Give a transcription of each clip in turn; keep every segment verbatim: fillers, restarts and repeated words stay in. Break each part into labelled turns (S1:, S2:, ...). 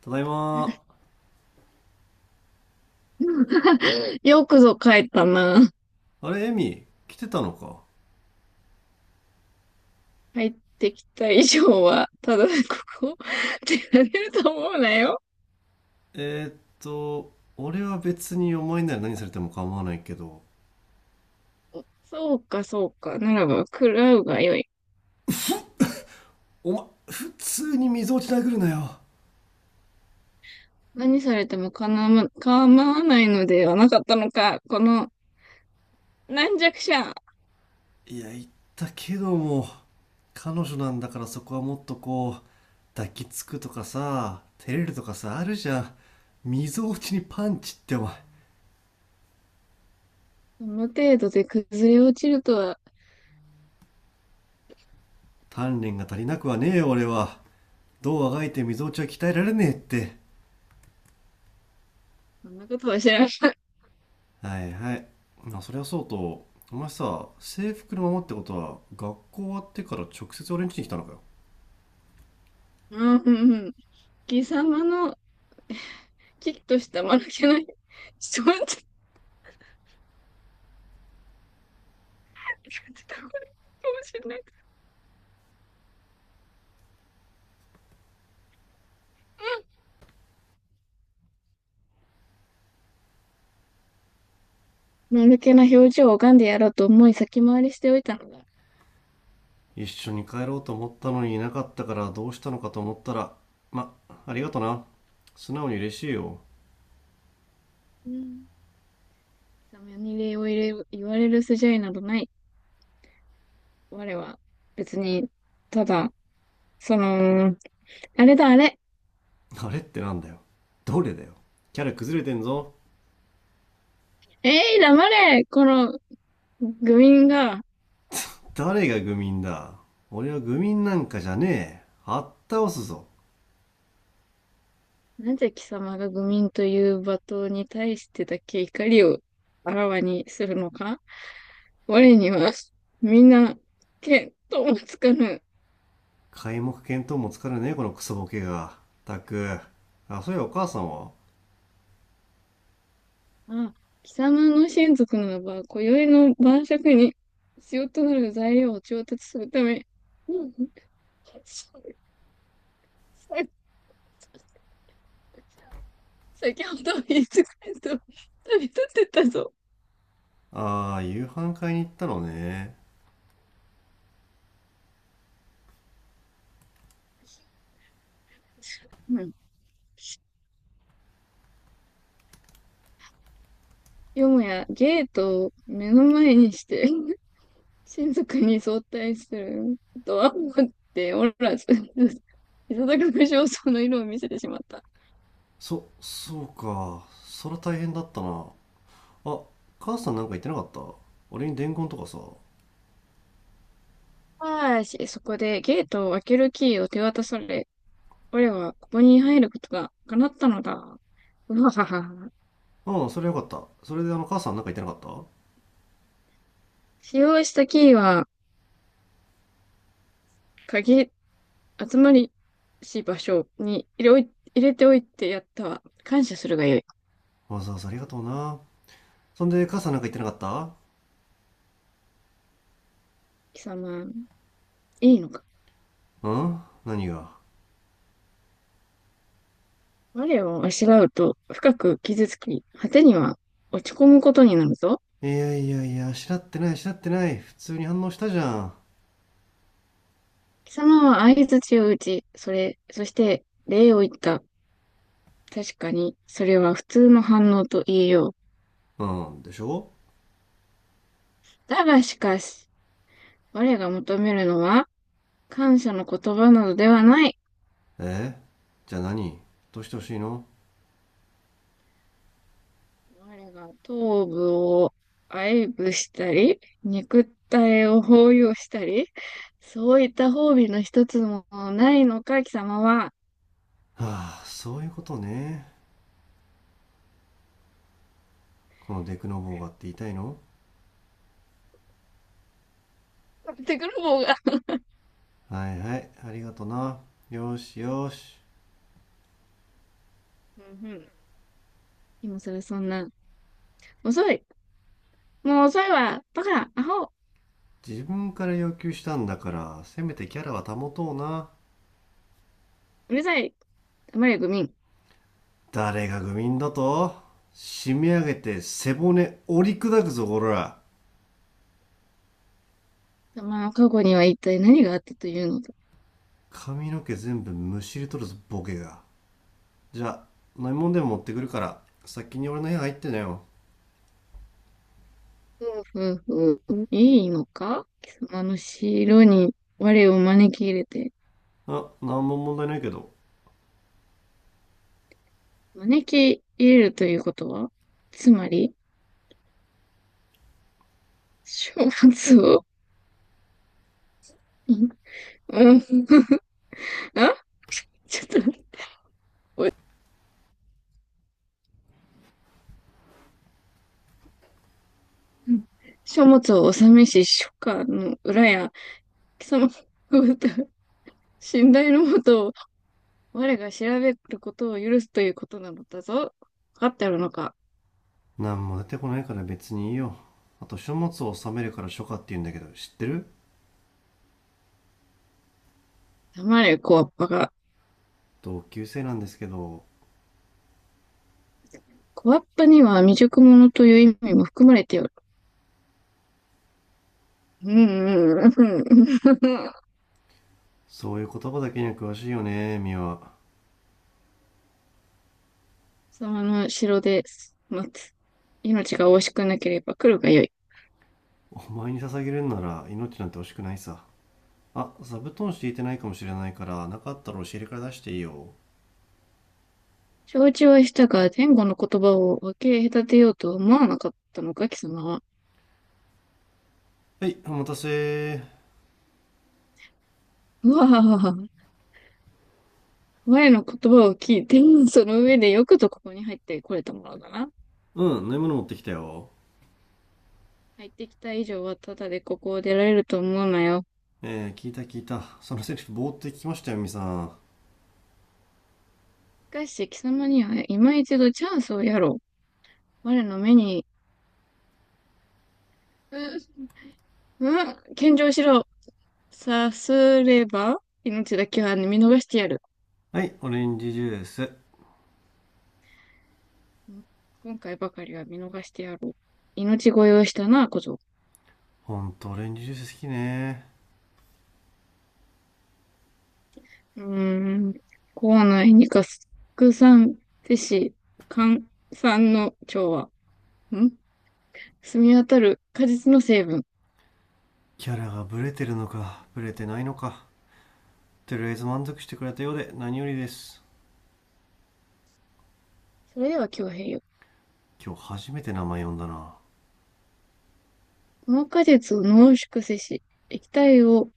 S1: ただいま。
S2: よくぞ帰ったな。
S1: あれ、エミ、来てたのか。
S2: 帰ってきた以上は、ただここ、出られると思うなよ。
S1: えーっと、俺は別にお前なら何されても構わないけど、
S2: そうか、そうか。ならば、食らうがよい。
S1: お前、普通に溝落ち殴るなよ。
S2: 何されてもかなわ、構わないのではなかったのか。この、軟弱者。
S1: いや、言ったけども、彼女なんだからそこはもっとこう、抱きつくとかさ、照れるとかさ、あるじゃん。溝落ちにパンチってお前、
S2: この程度で崩れ落ちるとは、
S1: 鍛錬が足りなくはねえよ、俺は。どうあがいて溝落ちは鍛えられねえって。
S2: そんなことは知らん。
S1: はいはい。まあそれはそうと、お前さ、制服のままってことは学校終わってから直接俺ん家に来たのかよ。
S2: うん、うん、うん。貴様の、きっとした間抜けない。ちょっと待って、これかもしれない。うん丸気な表情を拝んでやろうと思い先回りしておいたのだ。
S1: 一緒に帰ろうと思ったのにいなかったから、どうしたのかと思ったら。まありがとな。素直に嬉しいよ。
S2: うん。貴様に礼を入れ、言われる筋合いなどない。我は別に、ただ、その、あれだあれ。
S1: あれってなんだよ。どれだよ。キャラ崩れてんぞ。
S2: えい、黙れこの愚民が、
S1: 誰が愚民だ。俺は愚民なんかじゃねえ、あったおすぞ。
S2: なぜ貴様が愚民という罵倒に対してだけ怒りをあらわにするのか我には、みんな、見当もつかぬ。
S1: 皆目見当もつかるね、このクソボケが。たく。あ、そういやお母さんは。
S2: あ、貴様の親族ならば、今宵の晩酌に必要となる材料を調達するため、うんさ先ほど言いつかれと旅立ってったぞ。
S1: ああー、夕飯買いに行ったのね。
S2: うん。よもやゲートを目の前にして、親族に相対するとは思っておらず、いささく無精の色を見せてしまった。
S1: そ、そうか。そら大変だったな。あ、母さんなんか言ってなかった、俺に伝言とかさ。
S2: ああし、そこでゲートを開けるキーを手渡され、我はここに入ることが叶ったのだ。うわはは。
S1: うん、それよかった。それで、あの、母さんなんか言ってなかった。
S2: 使用したキーは、鍵、集まりし場所に入れおい、入れておいてやったわ。感謝するがよい。
S1: わざわざありがとうな。そんで母さんなんか言ってなかった。
S2: 貴様、いいのか。
S1: うん、何が。
S2: 我をあしらうと深く傷つき、果てには落ち込むことになるぞ。
S1: いやいやいや、知しらってない、知しらってない。普通に反応したじゃん。
S2: 貴様は相槌を打ち、それ、そして礼を言った。確かに、それは普通の反応と言えよう。
S1: うん、でしょ。
S2: だがしかし、我が求めるのは、感謝の言葉などではない。
S1: え、じゃあ何。どうしてほしいの。
S2: 我が頭部を愛撫したり、肉体を包容したり、そういった褒美の一つもないのか、貴様は。
S1: はあ、そういうことね。このデクノボーがって言いたいの。
S2: 買ってくる方が。
S1: はいはい、ありがとな。よしよし。
S2: うんうん。今更そんな。遅い。もう遅いわ。バカ、アホ、
S1: 自分から要求したんだから、せめてキャラは保とうな。
S2: うるさい。黙れ、愚民。貴
S1: 誰が愚民だと。締め上げて背骨折り砕くぞ、こら。
S2: 様の過去には一体何があったというのだ。
S1: 髪の毛全部むしり取るぞ、ボケが。じゃあ、飲み物でも持ってくるから、先に俺の部屋入ってなよ。
S2: ふうふうふう。いいのか貴様の城に我を招き入れて。
S1: あ、なんも問題ないけど。
S2: 招き入れるということは、つまり、書物を、んうん、あちょっと待って、うん書物を納めし、書家の裏や、貴様の歌信頼のもとを、我が調べることを許すということなのだぞ。わかっておるのか。
S1: なんも出てこないから別にいいよ。あと、書物を収めるから書家って言うんだけど、知ってる？
S2: 黙れ、小わっぱが。
S1: 同級生なんですけど、
S2: 小わっぱには未熟者という意味も含まれておる。うんうんうんうん。貴
S1: そういう言葉だけには詳しいよね、ミワ。
S2: 様の城で待つ。命が惜しくなければ来るがよい。
S1: お前に捧げるんなら命なんて惜しくないさ。あ、座布団敷いてないかもしれないから、なかったら押し入れから出していいよ。
S2: 承知はしたが、前後の言葉を分け隔てようとは思わなかったのか、貴様は。
S1: はい、お待たせ。
S2: うわあ、我の言葉を聞いて、その上でよくぞここに入ってこれたものだな。
S1: うん、飲み物持ってきたよ。
S2: 入ってきた以上は、ただでここを出られると思うなよ。
S1: えー、聞いた聞いた。そのセリフ、ぼーって聞きましたよ、みさん。
S2: しかし、貴様には今一度チャンスをやろう。我の目に、う、うん、献上しろ。さすれば、命だけは見逃してやる。
S1: はい、オレンジジュース。
S2: 今回ばかりは見逃してやろう。命乞いをしたな、小僧。
S1: ほんと、オレンジジュース好きね。
S2: うーん。校内に合作産施し、寒酸の調和。ん澄み渡る果実の成分。
S1: キャラがブレてるのか、ブレてないのか。とりあえず満足してくれたようで何よりです。
S2: それでは強兵よ。
S1: 今日初めて名前呼んだな。
S2: この果実を濃縮せし、液体を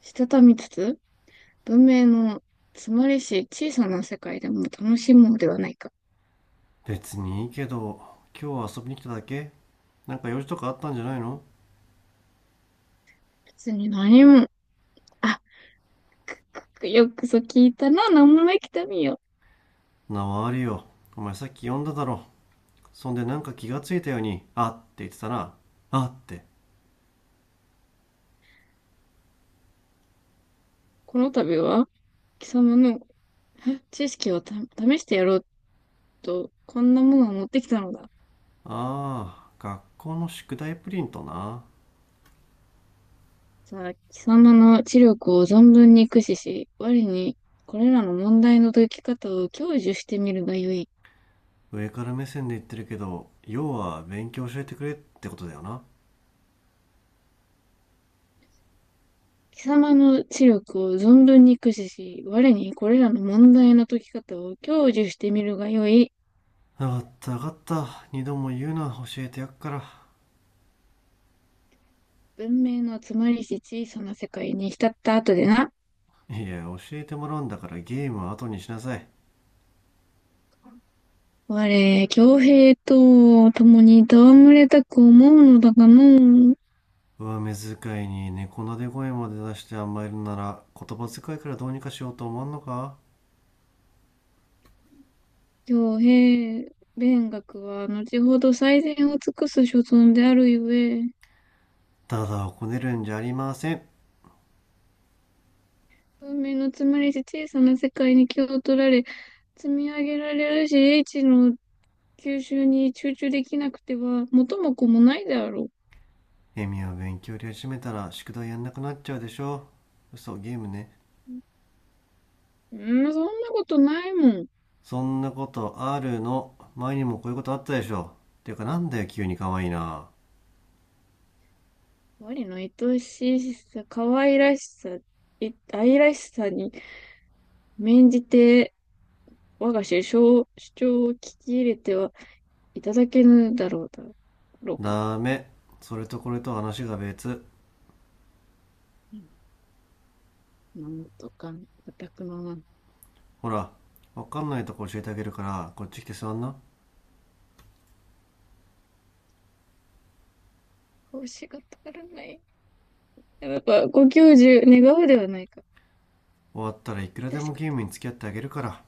S2: したたみつつ、文明の詰まりし小さな世界でも楽しもうではないか。
S1: 別にいいけど、今日は遊びに来ただけ？なんか用事とかあったんじゃないの。
S2: 別に何も、あ、よくそ聞いたな、何もないきたみよ。
S1: なわあるよ。お前さっき呼んだだろ。そんでなんか気がついたように「あ」って言ってたな。「あ」って。
S2: この度は、貴様のえ知識をた試してやろうと、こんなものを持ってきたのだ。
S1: ああ、学校の宿題プリントな。
S2: さあ、貴様の知力を存分に駆使し、我にこれらの問題の解き方を享受してみるがよい。
S1: 上から目線で言ってるけど、要は勉強教えてくれってことだよな。
S2: 貴様の知力を存分に駆使し、我にこれらの問題の解き方を享受してみるがよい。
S1: 分かった分かった、二度も言うな、教えてやっから。
S2: 文明のつまりし小さな世界に浸った後でな。
S1: いや、教えてもらうんだから、ゲームは後にしなさい。
S2: 我、強兵と共に戯れたく思うのだがのう。
S1: 上目遣いに猫なで声まで出して甘えるなら、言葉遣いからどうにかしようと思わんのか。
S2: 強兵、勉学は後ほど最善を尽くす所存であるゆえ、
S1: ただをこねるんじゃありません。
S2: 文明のつまりし小さな世界に気を取られ、積み上げられるし、英知の吸収に集中できなくては、元も子もないであろ
S1: エミは勉強やり始めたら宿題やんなくなっちゃうでしょ。嘘、ゲームね。
S2: う。うん、そんなことないもん。
S1: そんなことあるの？前にもこういうことあったでしょ。ていうか、なんだよ急に可愛いな。
S2: 我の愛しさ、可愛らしさ、い愛らしさに免じて、我が主張、主張を聞き入れてはいただけぬだろうだろうか。
S1: ダメ。それとこれと話が別。
S2: うんなんとか、私くのなん、
S1: ほら、わかんないとこ教えてあげるから、こっち来て座んな。
S2: こうしがたからない。やっぱ、ご教授願うではないか。
S1: 終わったらいくらで
S2: 致し
S1: も
S2: 方。
S1: ゲームに付き合ってあげるから。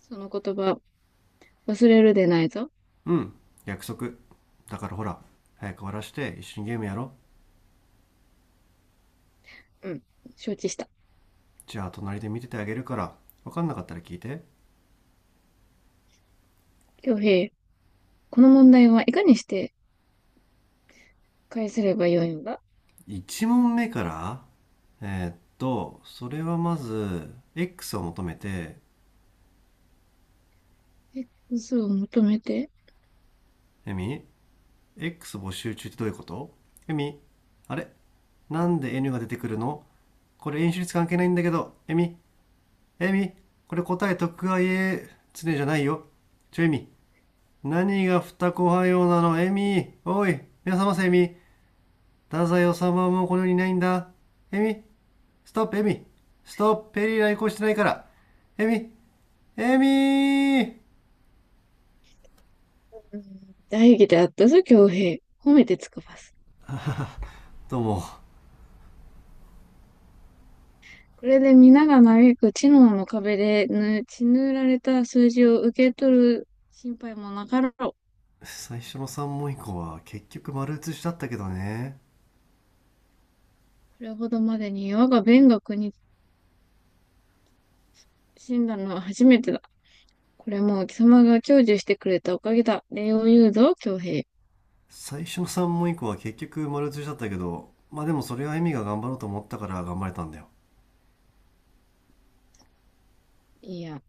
S2: その言葉、忘れるでないぞ。
S1: うん、約束だから、ほら、早く終わらして一緒にゲームやろ。
S2: うん。承知した。
S1: じゃあ、隣で見ててあげるから、わかんなかったら聞いて。
S2: 京平、この問題はいかにして返せればよいのだ。
S1: いちもんめ問目から。えーっとそれはまず X を求めて。
S2: え嘘を求めて。
S1: エミ、 X 募集中ってどういうこと。エミ、あれ、なんで エヌ が出てくるの。これ演習率関係ないんだけど、エミ、エミ、これ答え徳川家常じゃないよ。ちょ、エミ、何が二子派用なの、エミ、おい、皆様せ、エミ、太宰治もこの世にいないんだ、エミ、ストップ、エミ、ストップ、ペリー来航してないから、エミ、エミー。
S2: うん大義であったぞ、京平。褒めてつかばす。
S1: どうも。
S2: これで皆が嘆く知能の壁で血塗られた数字を受け取る心配もなかろう。こ
S1: 最初のさんもん問以降は結局丸写しだったけどね。
S2: れほどまでに我が勉学に死んだのは初めてだ。これも貴様が享受してくれたおかげだ。礼を言うぞ、京平。
S1: 最初のさんもん問以降は結局丸写しだったけど、まあでもそれはエミが頑張ろうと思ったから頑張れたんだよ。
S2: いや、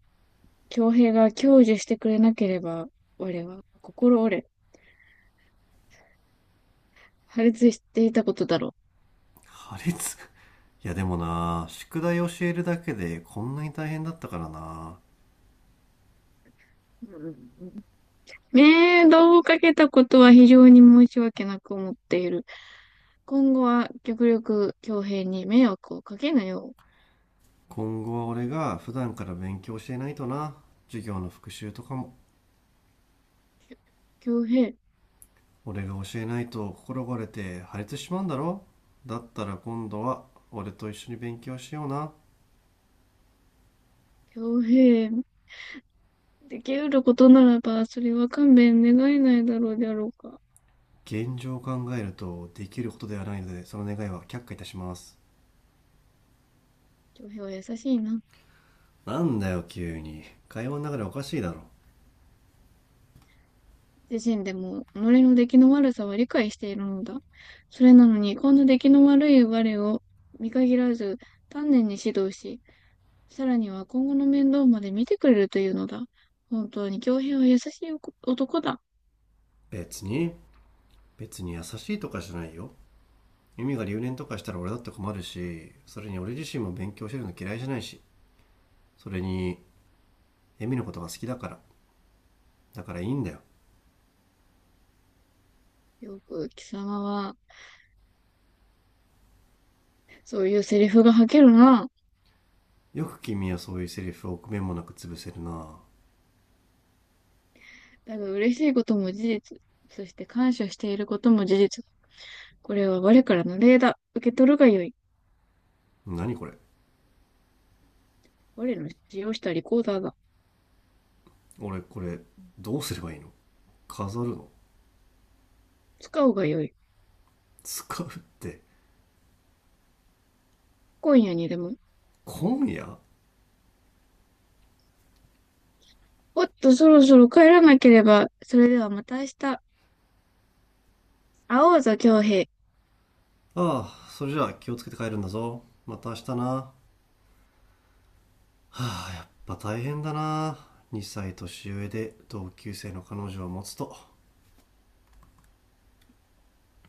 S2: 恭平が享受してくれなければ、我は心折れ、破裂していたことだろ
S1: 破裂。いやでもな、宿題教えるだけでこんなに大変だったからな。
S2: う。うんうんうんう。道をかけたことは非常に申し訳なく思っている。今後は極力恭平に迷惑をかけなよう。
S1: 今後は俺が普段から勉強していないとな。授業の復習とかも。
S2: 恭平、
S1: 俺が教えないと心が折れて破裂しちまうんだろ。だったら今度は俺と一緒に勉強しような。
S2: 恭平、できうることならば、それは勘弁願えないだろうであろうか。
S1: 現状を考えるとできることではないので、その願いは却下いたします。
S2: 恭平は優しいな。
S1: なんだよ急に。会話の中でおかしいだろ。
S2: 自身でも己の出来の悪さは理解しているのだ。それなのに、こんな出来の悪い我を見限らず、丹念に指導し、さらには今後の面倒まで見てくれるというのだ。本当に恭平は優しい男だ。
S1: 別に、別に優しいとかじゃないよ。ユミが留年とかしたら俺だって困るし、それに俺自身も勉強してるの嫌いじゃないし、それにエミのことが好きだから、だからいいんだよ。
S2: よく貴様は、そういうセリフが吐けるな。
S1: よく君はそういうセリフを臆面もなく潰せるな。
S2: だが嬉しいことも事実。そして感謝していることも事実。これは我からの礼だ。受け取るがよい。
S1: 何これ。
S2: 我の使用したリコーダーだ。
S1: 俺これどうすればいいの。飾るの。
S2: 使うがよい。
S1: 使うって。
S2: 今夜にでも
S1: 今夜。
S2: おっと、そろそろ帰らなければ。それではまた明日。会おうぞ、京平。
S1: ああ、それじゃあ気をつけて帰るんだぞ。また明日な。はあ、まあ大変だな。にさい年上で同級生の彼女を持つと。